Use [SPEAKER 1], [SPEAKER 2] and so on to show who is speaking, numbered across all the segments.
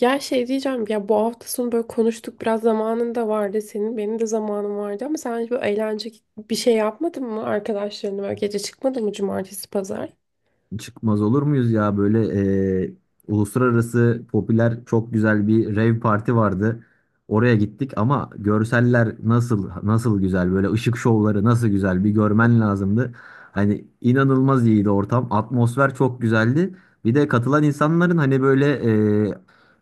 [SPEAKER 1] Ya şey diyeceğim ya, bu hafta sonu böyle konuştuk, biraz zamanın da vardı, senin benim de zamanım vardı, ama sen hiç böyle eğlence bir şey yapmadın mı arkadaşlarınla, böyle gece çıkmadın mı cumartesi pazar?
[SPEAKER 2] Çıkmaz olur muyuz ya böyle e, uluslararası popüler çok güzel bir rave parti vardı. Oraya gittik ama görseller nasıl nasıl güzel böyle ışık şovları nasıl güzel bir görmen lazımdı. Hani inanılmaz iyiydi ortam. Atmosfer çok güzeldi. Bir de katılan insanların hani böyle e,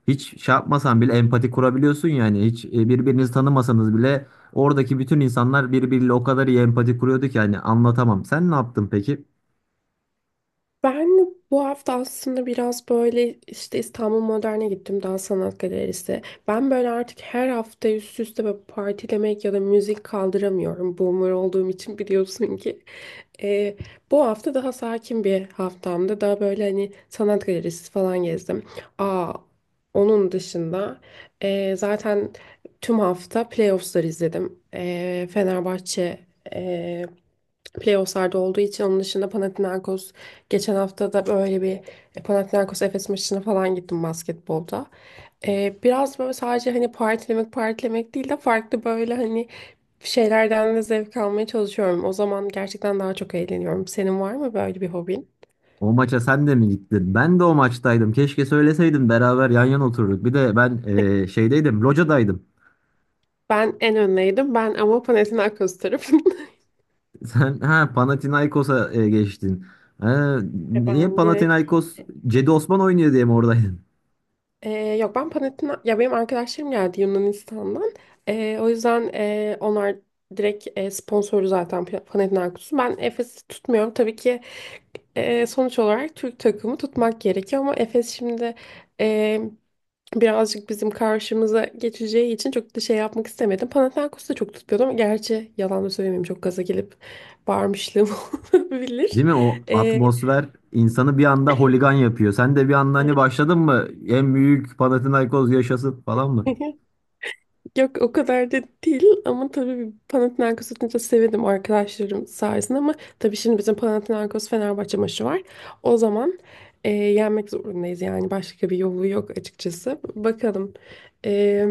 [SPEAKER 2] hiç şey yapmasan bile empati kurabiliyorsun yani birbirinizi tanımasanız bile oradaki bütün insanlar birbiriyle o kadar iyi empati kuruyordu ki hani anlatamam. Sen ne yaptın peki?
[SPEAKER 1] Ben bu hafta aslında biraz böyle işte İstanbul Modern'e gittim, daha sanat galerisi. Ben böyle artık her hafta üst üste böyle partilemek ya da müzik kaldıramıyorum. Boomer olduğum için biliyorsun ki. Ee, Bu hafta daha sakin bir haftamdı. Daha böyle hani sanat galerisi falan gezdim. Aa, Onun dışında zaten tüm hafta playoffs'ları izledim. Fenerbahçe playofflarda olduğu için, onun dışında Panathinaikos, geçen hafta da böyle bir Panathinaikos Efes maçına falan gittim basketbolda. Biraz böyle sadece hani partilemek partilemek değil de farklı böyle hani şeylerden de zevk almaya çalışıyorum. O zaman gerçekten daha çok eğleniyorum. Senin var mı böyle bir hobin?
[SPEAKER 2] O maça sen de mi gittin? Ben de o maçtaydım. Keşke söyleseydin beraber yan yana otururduk. Bir de ben şeydeydim, locadaydım.
[SPEAKER 1] Ben en önleydim. Ben ama Panathinaikos tarafındayım.
[SPEAKER 2] Sen ha Panathinaikos'a geçtin. Ha, niye
[SPEAKER 1] Ben direkt
[SPEAKER 2] Panathinaikos
[SPEAKER 1] e,
[SPEAKER 2] Cedi Osman oynuyor diye mi oradaydın?
[SPEAKER 1] Ee, Yok, ben Panathina ya benim arkadaşlarım geldi Yunanistan'dan. O yüzden onlar direkt, sponsoru zaten Panathinaikos'un. Ben Efes'i tutmuyorum. Tabii ki sonuç olarak Türk takımı tutmak gerekiyor ama Efes şimdi e, birazcık bizim karşımıza geçeceği için çok da şey yapmak istemedim. Panathinaikos'u da çok tutmuyordum. Gerçi yalan da söylemeyeyim, çok gaza gelip bağırmışlığım olabilir.
[SPEAKER 2] Değil mi? O
[SPEAKER 1] Ee,
[SPEAKER 2] atmosfer insanı bir anda holigan yapıyor. Sen de bir anda hani
[SPEAKER 1] evet.
[SPEAKER 2] başladın mı? En büyük Panathinaikos yaşasın falan mı?
[SPEAKER 1] Yok, o kadar da değil ama tabii Panathinaikos tutunca sevindim arkadaşlarım sayesinde, ama tabii şimdi bizim Panathinaikos Fenerbahçe maçı var. O zaman yenmek zorundayız yani, başka bir yolu yok açıkçası. Bakalım. E,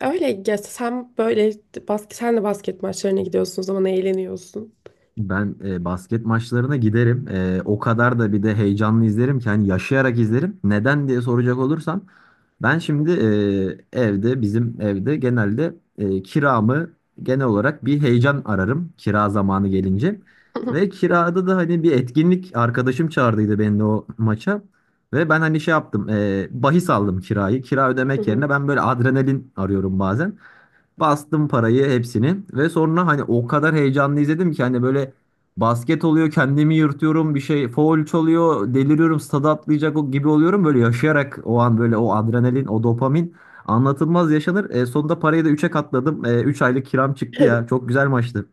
[SPEAKER 1] Öyle ya, sen böyle sen de basket maçlarına gidiyorsun, o zaman eğleniyorsun.
[SPEAKER 2] Ben basket maçlarına giderim. O kadar da bir de heyecanlı izlerim ki hani yaşayarak izlerim. Neden diye soracak olursam ben şimdi, e, evde bizim evde genelde kiramı genel olarak bir heyecan ararım kira zamanı gelince. Ve kirada da hani bir etkinlik arkadaşım çağırdıydı beni de o maça. Ve ben hani şey yaptım, bahis aldım kirayı. Kira
[SPEAKER 1] Hı
[SPEAKER 2] ödemek yerine
[SPEAKER 1] hı.
[SPEAKER 2] ben böyle adrenalin arıyorum bazen. Bastım parayı hepsini ve sonra hani o kadar heyecanlı izledim ki hani böyle basket oluyor kendimi yırtıyorum bir şey foul çalıyor deliriyorum stada atlayacak o gibi oluyorum böyle yaşayarak o an böyle o adrenalin o dopamin anlatılmaz yaşanır. Sonunda parayı da üçe katladım. Üç aylık kiram çıktı ya çok güzel maçtı.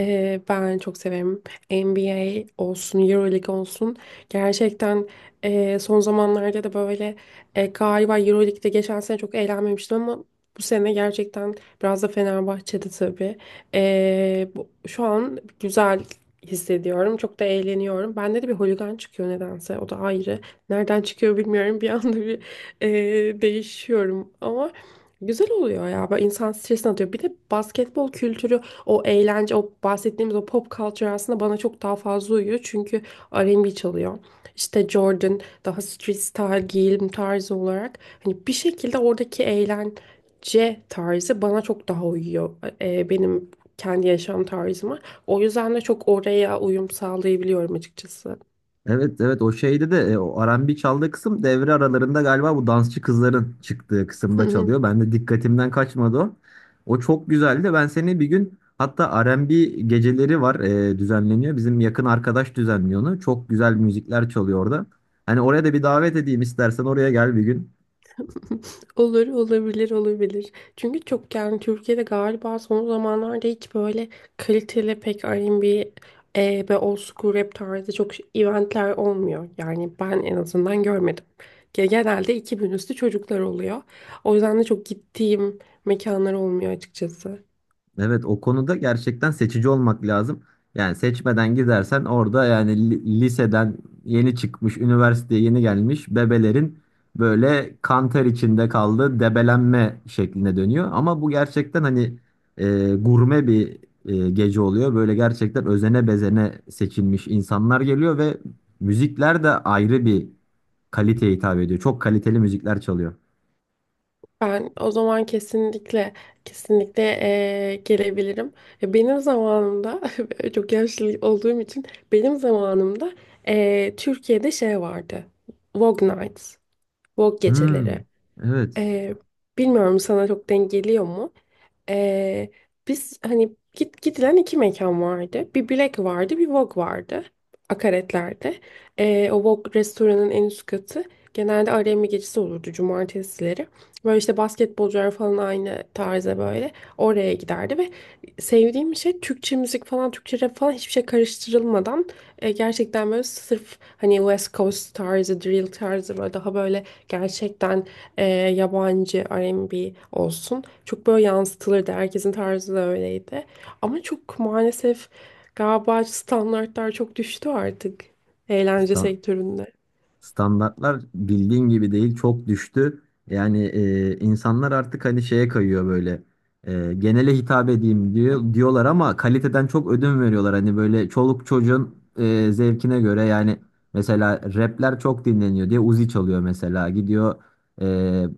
[SPEAKER 1] Ben çok severim. NBA olsun, EuroLeague olsun. Gerçekten son zamanlarda da böyle, galiba EuroLeague'de geçen sene çok eğlenmemiştim ama bu sene gerçekten, biraz da Fenerbahçe'de tabii. Şu an güzel hissediyorum. Çok da eğleniyorum. Bende de bir holigan çıkıyor nedense. O da ayrı. Nereden çıkıyor bilmiyorum. Bir anda bir değişiyorum ama güzel oluyor ya. Böyle insan stresini atıyor. Bir de basketbol kültürü, o eğlence, o bahsettiğimiz o pop culture aslında bana çok daha fazla uyuyor. Çünkü R&B çalıyor. İşte Jordan, daha street style giyim tarzı olarak. Hani bir şekilde oradaki eğlence tarzı bana çok daha uyuyor. Benim kendi yaşam tarzıma. O yüzden de çok oraya uyum sağlayabiliyorum açıkçası.
[SPEAKER 2] Evet, evet, o şeyde de o R&B çaldığı kısım devre aralarında galiba bu dansçı kızların çıktığı kısımda çalıyor. Ben de dikkatimden kaçmadı o. O çok güzeldi. Ben seni bir gün hatta R&B geceleri var, düzenleniyor. Bizim yakın arkadaş düzenliyor onu. Çok güzel müzikler çalıyor orada. Hani oraya da bir davet edeyim istersen, oraya gel bir gün.
[SPEAKER 1] Olur, olabilir, olabilir. Çünkü çok yani Türkiye'de galiba son zamanlarda hiç böyle kaliteli pek R&B ve old school rap tarzı çok eventler olmuyor. Yani ben en azından görmedim. Genelde 2000 üstü çocuklar oluyor. O yüzden de çok gittiğim mekanlar olmuyor açıkçası.
[SPEAKER 2] Evet, o konuda gerçekten seçici olmak lazım. Yani seçmeden gidersen orada yani liseden yeni çıkmış, üniversiteye yeni gelmiş bebelerin böyle kanter içinde kaldığı debelenme şekline dönüyor. Ama bu gerçekten hani gurme bir gece oluyor. Böyle gerçekten özene bezene seçilmiş insanlar geliyor ve müzikler de ayrı bir kaliteye hitap ediyor. Çok kaliteli müzikler çalıyor.
[SPEAKER 1] Ben o zaman kesinlikle kesinlikle gelebilirim. Benim zamanımda, çok yaşlı olduğum için, benim zamanımda Türkiye'de şey vardı. Vogue Nights, Vogue
[SPEAKER 2] Hmm,
[SPEAKER 1] geceleri.
[SPEAKER 2] evet.
[SPEAKER 1] Eee, Bilmiyorum, sana çok denk geliyor mu? Ee, Biz hani gidilen iki mekan vardı. Bir Black vardı, bir Vogue vardı. Akaretler'de. O Vogue restoranın en üst katı. Genelde R&B gecesi olurdu cumartesileri. Böyle işte basketbolcular falan aynı tarza böyle. Oraya giderdi ve sevdiğim şey, Türkçe müzik falan, Türkçe rap falan hiçbir şey karıştırılmadan, gerçekten böyle sırf hani West Coast tarzı, drill tarzı, böyle daha böyle gerçekten yabancı R&B olsun. Çok böyle yansıtılırdı. Herkesin tarzı da öyleydi. Ama çok maalesef galiba standartlar çok düştü artık eğlence sektöründe.
[SPEAKER 2] Standartlar bildiğin gibi değil, çok düştü. Yani insanlar artık hani şeye kayıyor böyle. Genele hitap edeyim diyorlar ama kaliteden çok ödün veriyorlar. Hani böyle çoluk çocuğun zevkine göre yani mesela rapler çok dinleniyor diye Uzi çalıyor mesela. Gidiyor, e,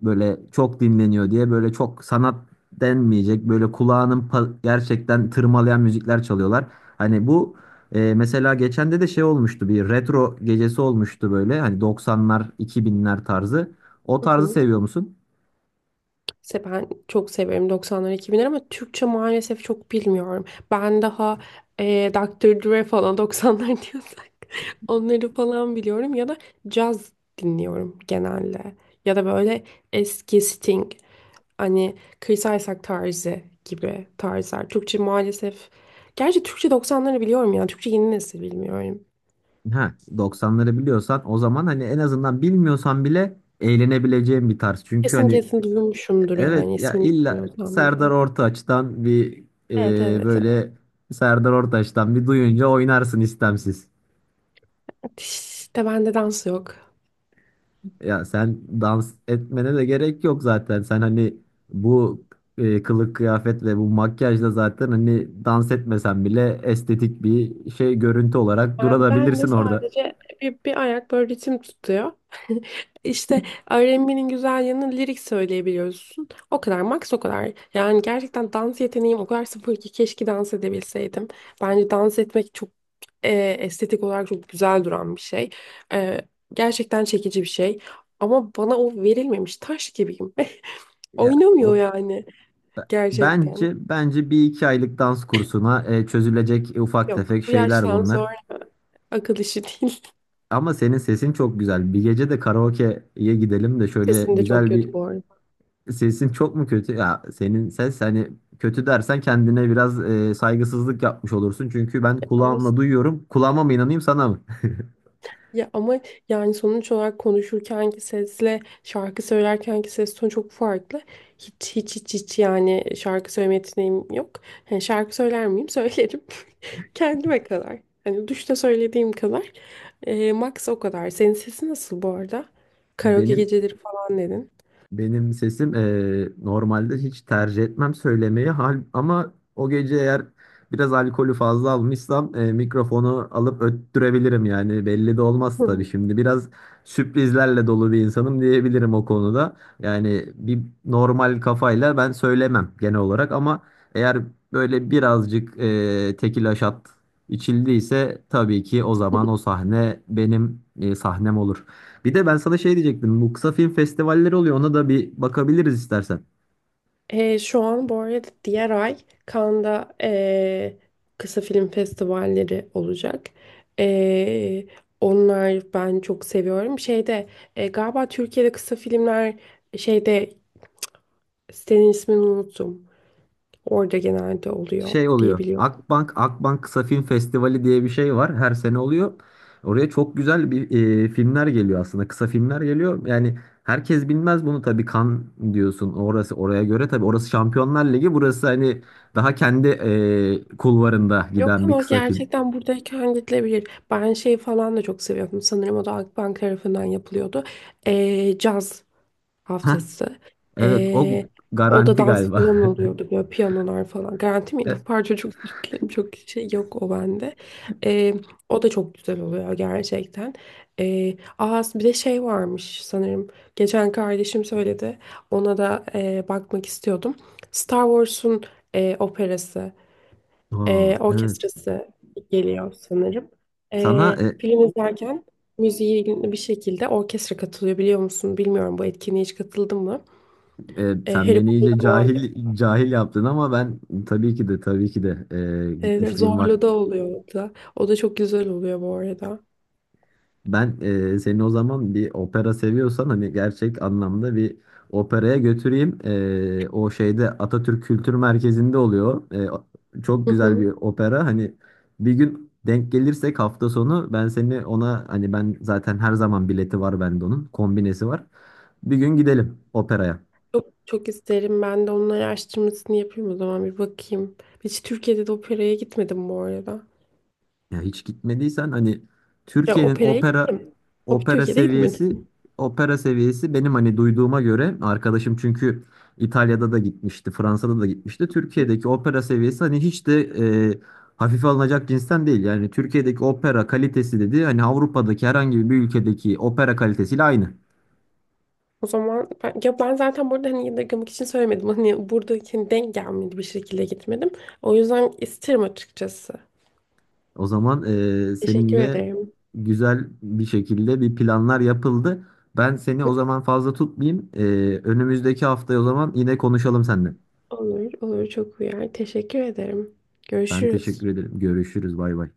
[SPEAKER 2] böyle çok dinleniyor diye böyle çok sanat denmeyecek böyle kulağının gerçekten tırmalayan müzikler çalıyorlar. Hani bu mesela geçen de şey olmuştu, bir retro gecesi olmuştu böyle hani 90'lar 2000'ler tarzı. O tarzı seviyor musun?
[SPEAKER 1] Ben çok severim 90'lar 2000'ler ama Türkçe maalesef çok bilmiyorum. Ben daha Dr. Dre falan, 90'lar diyorsak, onları falan biliyorum, ya da caz dinliyorum genelde. Ya da böyle eski Sting, hani Chris Isaak tarzı gibi tarzlar. Türkçe maalesef, gerçi Türkçe 90'ları biliyorum ya, Türkçe yeni nesil bilmiyorum.
[SPEAKER 2] Ha, 90'ları biliyorsan o zaman hani en azından bilmiyorsan bile eğlenebileceğin bir tarz. Çünkü
[SPEAKER 1] Kesin
[SPEAKER 2] hani
[SPEAKER 1] kesin duymuşumdur
[SPEAKER 2] evet,
[SPEAKER 1] yani,
[SPEAKER 2] ya
[SPEAKER 1] ismini
[SPEAKER 2] illa
[SPEAKER 1] bilmiyorsam
[SPEAKER 2] Serdar
[SPEAKER 1] bile.
[SPEAKER 2] Ortaç'tan bir
[SPEAKER 1] Evet
[SPEAKER 2] e,
[SPEAKER 1] evet evet.
[SPEAKER 2] böyle Serdar Ortaç'tan bir duyunca oynarsın istemsiz.
[SPEAKER 1] İşte bende dans yok.
[SPEAKER 2] Ya sen dans etmene de gerek yok zaten. Sen hani bu kılık kıyafet ve bu makyajla zaten hani dans etmesen bile estetik bir şey, görüntü olarak
[SPEAKER 1] Ben de
[SPEAKER 2] durabilirsin orada.
[SPEAKER 1] sadece bir ayak böyle ritim tutuyor. İşte R&B'nin güzel yanı lirik söyleyebiliyorsun. O kadar, max o kadar. Yani gerçekten dans yeteneğim o kadar sıfır ki, keşke dans edebilseydim. Bence dans etmek çok estetik olarak çok güzel duran bir şey. E, Gerçekten çekici bir şey. Ama bana o verilmemiş, taş gibiyim.
[SPEAKER 2] Ya
[SPEAKER 1] Oynamıyor
[SPEAKER 2] o
[SPEAKER 1] yani
[SPEAKER 2] b-
[SPEAKER 1] gerçekten.
[SPEAKER 2] bence bir iki aylık dans kursuna çözülecek ufak
[SPEAKER 1] Yok,
[SPEAKER 2] tefek
[SPEAKER 1] bu
[SPEAKER 2] şeyler
[SPEAKER 1] yaştan
[SPEAKER 2] bunlar.
[SPEAKER 1] sonra akıl işi değil.
[SPEAKER 2] Ama senin sesin çok güzel. Bir gece de karaoke'ye gidelim de şöyle
[SPEAKER 1] Sesim de çok
[SPEAKER 2] güzel bir...
[SPEAKER 1] kötü bu arada.
[SPEAKER 2] Sesin çok mu kötü? Ya senin ses hani kötü dersen kendine biraz saygısızlık yapmış olursun. Çünkü ben
[SPEAKER 1] Ama.
[SPEAKER 2] kulağımla duyuyorum. Kulağıma mı inanayım sana mı?
[SPEAKER 1] Ya ama yani sonuç olarak konuşurkenki sesle şarkı söylerkenki ses tonu çok farklı. Hiç hiç hiç hiç yani şarkı söyleme yeteneğim yok. Yani şarkı söyler miyim? Söylerim. Kendime kadar. Hani duşta söylediğim kadar. Max o kadar. Senin sesi nasıl bu arada? Karaoke
[SPEAKER 2] Benim
[SPEAKER 1] geceleri falan dedin.
[SPEAKER 2] Benim sesim normalde hiç tercih etmem söylemeyi hal, ama o gece eğer biraz alkolü fazla almışsam mikrofonu alıp öttürebilirim yani belli de olmaz tabii,
[SPEAKER 1] Hı.
[SPEAKER 2] şimdi biraz sürprizlerle dolu bir insanım diyebilirim o konuda. Yani bir normal kafayla ben söylemem genel olarak, ama eğer böyle birazcık tekila şat içildiyse tabii ki o zaman o sahne benim, sahnem olur. Bir de ben sana şey diyecektim. Bu kısa film festivalleri oluyor. Ona da bir bakabiliriz istersen.
[SPEAKER 1] Şu an bu arada diğer ay Cannes'da kısa film festivalleri olacak. Ee, Onlar ben çok seviyorum. Şeyde, galiba Türkiye'de kısa filmler, şeyde, sitenin ismini unuttum. Orada genelde oluyor
[SPEAKER 2] Şey oluyor,
[SPEAKER 1] diyebiliyorum.
[SPEAKER 2] Akbank Kısa Film Festivali diye bir şey var. Her sene oluyor. Oraya çok güzel bir, filmler geliyor aslında. Kısa filmler geliyor. Yani herkes bilmez bunu tabii. Kan diyorsun. Orası oraya göre tabii. Orası Şampiyonlar Ligi. Burası hani daha kendi kulvarında
[SPEAKER 1] Yok
[SPEAKER 2] giden bir
[SPEAKER 1] ama
[SPEAKER 2] kısa film.
[SPEAKER 1] gerçekten buradayken gidilebilir. Ben şey falan da çok seviyordum. Sanırım o da Akbank tarafından yapılıyordu. Caz
[SPEAKER 2] Hah,
[SPEAKER 1] haftası.
[SPEAKER 2] evet, o
[SPEAKER 1] Ee, O da
[SPEAKER 2] Garanti
[SPEAKER 1] dans
[SPEAKER 2] galiba.
[SPEAKER 1] falan oluyordu, böyle piyanolar falan. Garanti miydi?
[SPEAKER 2] E,
[SPEAKER 1] Parça çok özür dilerim. Çok şey yok o bende. Ee, O da çok güzel oluyor gerçekten. Bir de şey varmış sanırım. Geçen kardeşim söyledi. Ona da bakmak istiyordum. Star Wars'un operası,
[SPEAKER 2] aa, evet.
[SPEAKER 1] orkestrası geliyor sanırım.
[SPEAKER 2] Sana
[SPEAKER 1] Film izlerken müziği bir şekilde orkestra katılıyor, biliyor musun? Bilmiyorum, bu etkinliğe hiç katıldın mı?
[SPEAKER 2] Sen
[SPEAKER 1] Harry
[SPEAKER 2] beni
[SPEAKER 1] Potter'da
[SPEAKER 2] iyice
[SPEAKER 1] falan,
[SPEAKER 2] cahil cahil yaptın ama ben tabii ki de, tabii ki de gitmişliğim var.
[SPEAKER 1] Zorlu'da oluyor o da. O da çok güzel oluyor bu arada.
[SPEAKER 2] Ben seni o zaman, bir opera seviyorsan hani gerçek anlamda bir operaya götüreyim. O şeyde, Atatürk Kültür Merkezi'nde oluyor. Çok
[SPEAKER 1] Hı
[SPEAKER 2] güzel
[SPEAKER 1] hı.
[SPEAKER 2] bir opera. Hani bir gün denk gelirsek hafta sonu ben seni ona, hani ben zaten her zaman bileti var bende, onun kombinesi var. Bir gün gidelim operaya.
[SPEAKER 1] Çok, çok isterim. Ben de onun araştırmasını yapayım o zaman, bir bakayım. Hiç Türkiye'de de operaya gitmedim bu arada.
[SPEAKER 2] Ya hiç gitmediysen hani
[SPEAKER 1] Ya
[SPEAKER 2] Türkiye'nin
[SPEAKER 1] operaya gittim.
[SPEAKER 2] opera
[SPEAKER 1] Türkiye'de
[SPEAKER 2] seviyesi
[SPEAKER 1] gitmedim.
[SPEAKER 2] opera seviyesi benim hani duyduğuma göre arkadaşım, çünkü İtalya'da da gitmişti, Fransa'da da gitmişti. Türkiye'deki opera seviyesi hani hiç de e, hafife alınacak cinsten değil. Yani Türkiye'deki opera kalitesi dedi hani Avrupa'daki herhangi bir ülkedeki opera kalitesiyle aynı.
[SPEAKER 1] O zaman ben, ya ben zaten burada hani yadırgamak için söylemedim. Hani buradaki, hani denk gelmedi bir şekilde gitmedim. O yüzden isterim açıkçası.
[SPEAKER 2] O zaman
[SPEAKER 1] Teşekkür
[SPEAKER 2] seninle
[SPEAKER 1] ederim.
[SPEAKER 2] güzel bir şekilde bir planlar yapıldı. Ben seni o zaman fazla tutmayayım. Önümüzdeki haftaya o zaman yine konuşalım seninle.
[SPEAKER 1] Olur, olur, çok uyar. Teşekkür ederim.
[SPEAKER 2] Ben teşekkür
[SPEAKER 1] Görüşürüz.
[SPEAKER 2] ederim. Görüşürüz. Bay bay.